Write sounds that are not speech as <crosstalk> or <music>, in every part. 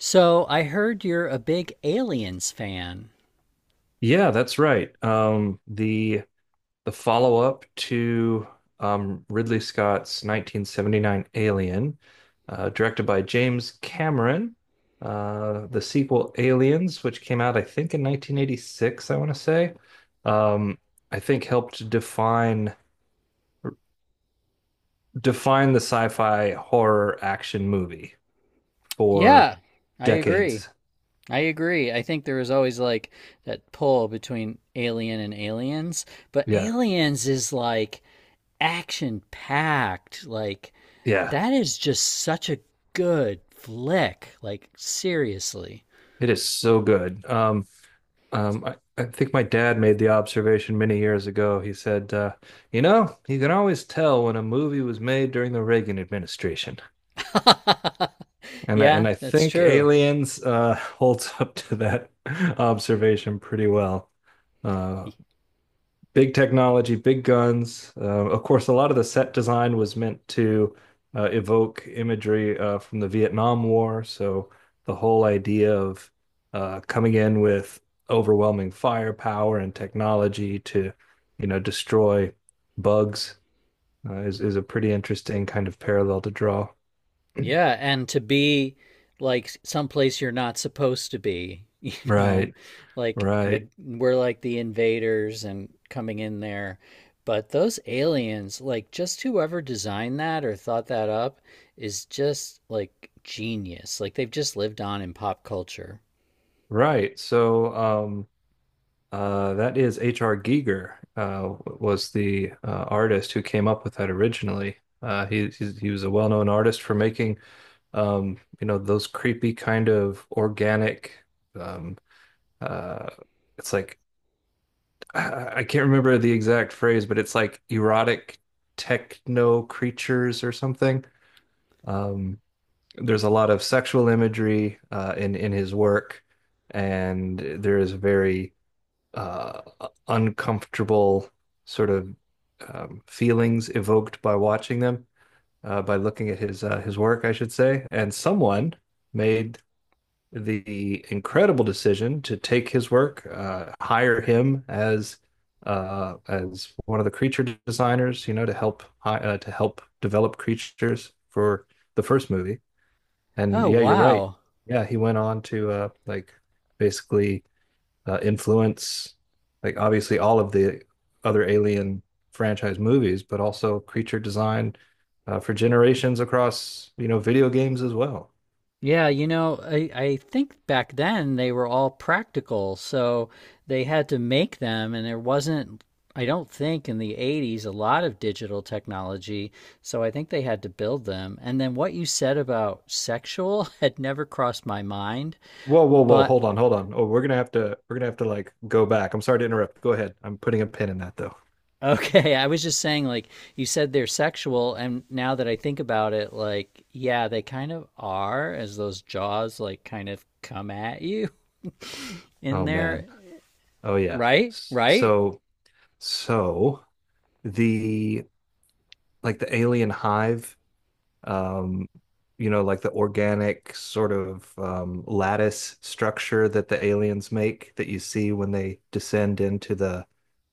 So I heard you're a big Aliens fan. Yeah, that's right. The follow-up to Ridley Scott's 1979 Alien, directed by James Cameron, the sequel Aliens, which came out I think in 1986, I want to say, um, I think helped define the sci-fi horror action movie for Yeah, I agree. decades. I agree. I think there was always like that pull between Alien and Aliens, but Yeah, Aliens is like action packed. Like yeah, that is just such a good flick. Like seriously. it is so good. I think my dad made the observation many years ago. He said, you can always tell when a movie was made during the Reagan administration. <laughs> And I, Yeah, and I that's think true. Aliens <laughs> holds up to that <laughs> observation pretty well. Uh, Big technology, big guns. Of course, a lot of the set design was meant to evoke imagery from the Vietnam War. So the whole idea of coming in with overwhelming firepower and technology to, you know, destroy bugs is a pretty interesting kind of parallel to draw. Yeah, and to be like someplace you're not supposed to be, <laughs> you know, Right, like the right, we're like the invaders and coming in there. But those aliens, like just whoever designed that or thought that up is just like genius. Like they've just lived on in pop culture. right. So, that is H.R. Giger, was the artist who came up with that originally. He was a well-known artist for making you know, those creepy kind of organic um, uh, it's like I can't remember the exact phrase, but it's like erotic techno creatures or something. Um, there's a lot of sexual imagery in his work, and there is very uh, uncomfortable sort of feelings evoked by watching them, by looking at his work, I should say. And someone made the incredible decision to take his work, hire him as one of the creature designers, you know, to help develop creatures for the first movie. And Oh, yeah, you're right. wow. Yeah, he went on to like basically influence, like obviously all of the other Alien franchise movies, but also creature design for generations across, you know, video games as well. Yeah, you know, I think back then they were all practical, so they had to make them, and there wasn't, I don't think in the 80s, a lot of digital technology, so I think they had to build them. And then what you said about sexual <laughs> had never crossed my mind, Whoa, whoa, whoa! but Hold on, hold on. Oh, we're gonna have to like go back. I'm sorry to interrupt. Go ahead. I'm putting a pin in that though. <laughs> okay, I was just saying, like, you said they're sexual, and now that I think about it, like, yeah, they kind of are, as those jaws, like, kind of come at you <laughs> in Oh man. there, Oh yeah. right? S- Right? So, so the like the alien hive, um, you know, like the organic sort of lattice structure that the aliens make that you see when they descend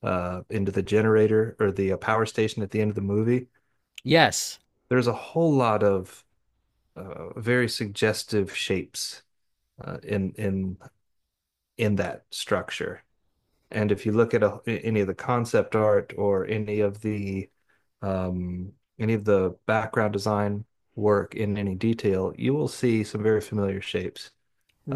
into the generator or the power station at the end of the movie. Yes. There's a whole lot of very suggestive shapes uh, in in in that structure. And if you look at a, any of the concept art or um, any of the background design work in any detail, you will see some very familiar shapes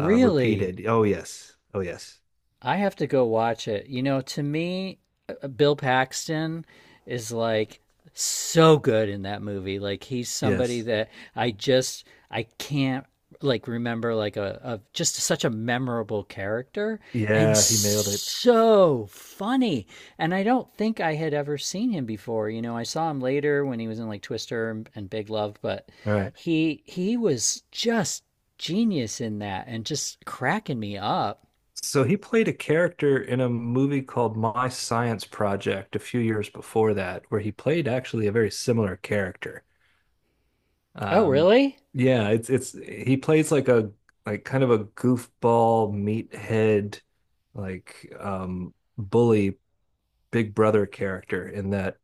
repeated. Oh, yes. Oh, yes. I have to go watch it. You know, to me, Bill Paxton is like so good in that movie. Like he's somebody Yes. that I just I can't like remember like a just such a memorable character and Yeah, he nailed it. so funny. And I don't think I had ever seen him before. You know, I saw him later when he was in like Twister and Big Love, but All right. he was just genius in that and just cracking me up. So he played a character in a movie called My Science Project a few years before that, where he played actually a very similar character. Oh, Um, really? yeah, it's he plays like a like kind of a goofball meathead like bully big brother character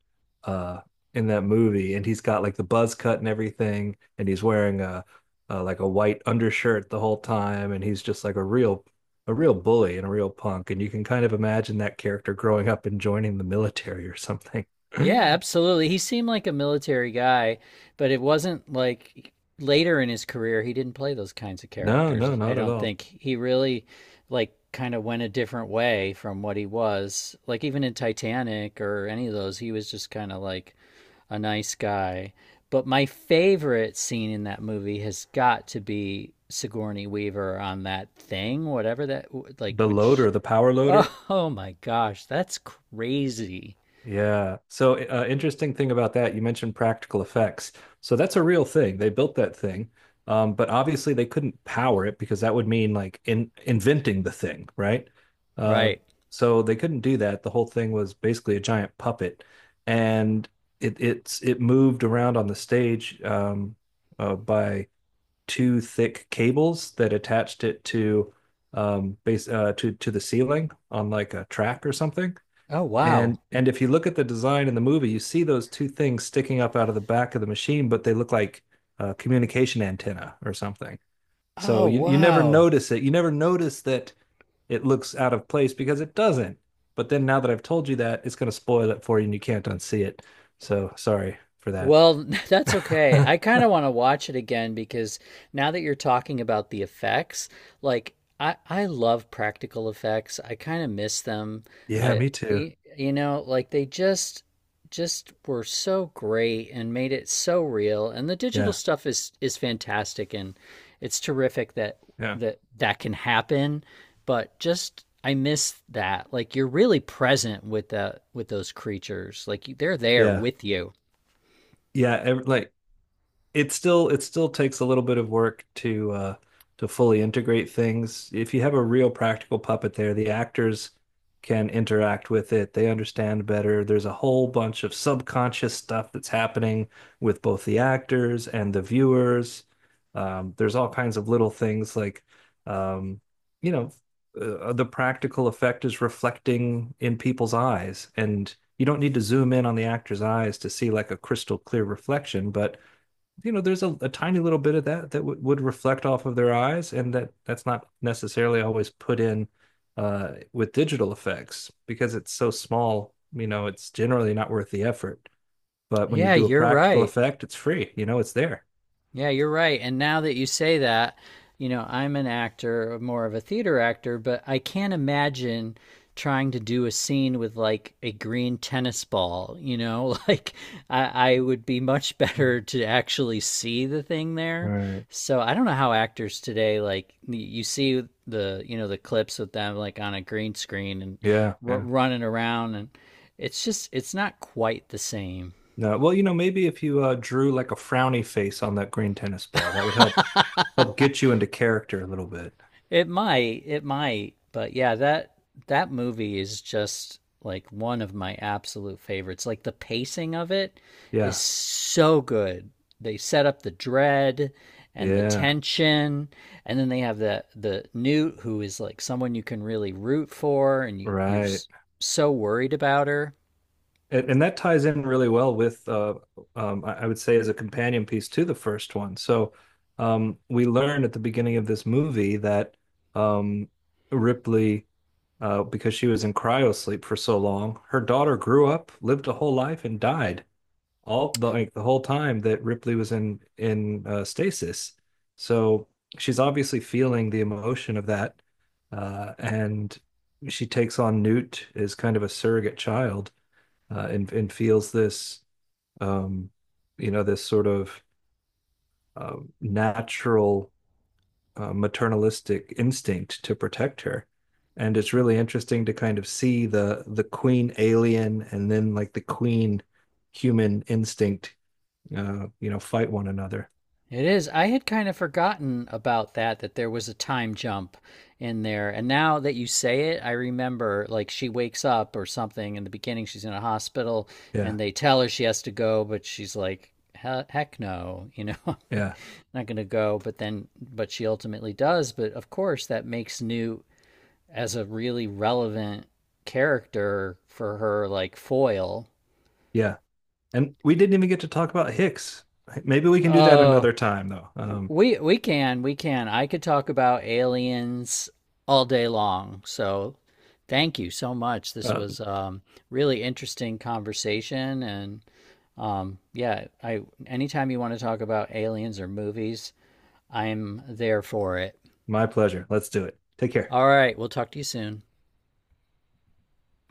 uh in that movie, and he's got like the buzz cut and everything, and he's wearing a like a white undershirt the whole time, and he's just like a real bully and a real punk, and you can kind of imagine that character growing up and joining the military or something. <laughs> <clears throat> Yeah, No, absolutely. He seemed like a military guy, but it wasn't like later in his career he didn't play those kinds of no, characters. I not at don't all. think he really like kind of went a different way from what he was. Like even in Titanic or any of those, he was just kind of like a nice guy. But my favorite scene in that movie has got to be Sigourney Weaver on that thing, whatever that like The which loader, the power <laughs> loader. oh, oh my gosh, that's crazy. Yeah. So, interesting thing about that, you mentioned practical effects. So that's a real thing. They built that thing, but obviously they couldn't power it, because that would mean like in inventing the thing, right? Uh, Right. so they couldn't do that. The whole thing was basically a giant puppet, and it moved around on the stage, by two thick cables that attached it to base to the ceiling on like a track or something. Oh wow. And if you look at the design in the movie, you see those two things sticking up out of the back of the machine, but they look like a communication antenna or something. So Oh you never wow. notice it. You never notice that it looks out of place, because it doesn't. But then now that I've told you that, it's going to spoil it for you and you can't unsee it. So sorry for that. Well, <laughs> that's okay. I <laughs> kind of want to watch it again because now that you're talking about the effects, like I love practical effects. I kind of miss them. Yeah, I me too. You know, like they just were so great and made it so real. And the digital Yeah. stuff is fantastic and it's terrific that Yeah. That can happen, but just I miss that. Like you're really present with the with those creatures. Like they're there Yeah. with you. Like it still takes a little bit of work to fully integrate things. If you have a real practical puppet there, the actors can interact with it. They understand better. There's a whole bunch of subconscious stuff that's happening with both the actors and the viewers. There's all kinds of little things like, um, you know, the practical effect is reflecting in people's eyes. And you don't need to zoom in on the actor's eyes to see like a crystal clear reflection, but you know, there's a tiny little bit of that that would reflect off of their eyes, and that's not necessarily always put in with digital effects because it's so small. You know, it's generally not worth the effort. But when you Yeah, do a you're practical right. effect, it's free. You know, it's there. Yeah, you're right. And now that you say that, you know, I'm an actor, more of a theater actor, but I can't imagine trying to do a scene with like a green tennis ball, you know? <laughs> Like I would be much <laughs> Mhm. better to actually see the thing there. Right. So I don't know how actors today like you see the, you know, the clips with them like on a green screen and Yeah, r yeah. running around and it's not quite the same. No, well, you know, maybe if you drew like a frowny face on that green tennis ball, that would help help get <laughs> you into character a little bit. But yeah, that that movie is just like one of my absolute favorites. Like the pacing of it is Yeah. so good. They set up the dread and the Yeah. tension, and then they have the Newt who is like someone you can really root for, and you're Right. so worried about her. And that ties in really well with, I would say, as a companion piece to the first one. So we learn at the beginning of this movie that um, Ripley, because she was in cryosleep for so long, her daughter grew up, lived a whole life, and died. All the like the whole time that Ripley was in stasis. So she's obviously feeling the emotion of that, and she takes on Newt as kind of a surrogate child, and feels this, um, you know, this sort of natural maternalistic instinct to protect her. And it's really interesting to kind of see the queen alien and then like the queen human instinct you know, fight one another. It is. I had kind of forgotten about that, that there was a time jump in there. And now that you say it, I remember like she wakes up or something in the beginning, she's in a hospital Yeah, and they tell her she has to go, but she's like, heck no, you know, <laughs> I'm yeah, not going to go. But then, but she ultimately does. But of course, that makes Newt as a really relevant character for her, like foil. yeah. And we didn't even get to talk about Hicks. Maybe we can do that Oh, another time, though. We can. I could talk about aliens all day long. So thank you so much. This uh, was really interesting conversation, and yeah, I anytime you want to talk about aliens or movies, I'm there for it. my pleasure. Let's do it. Take care. All right, we'll talk to you soon.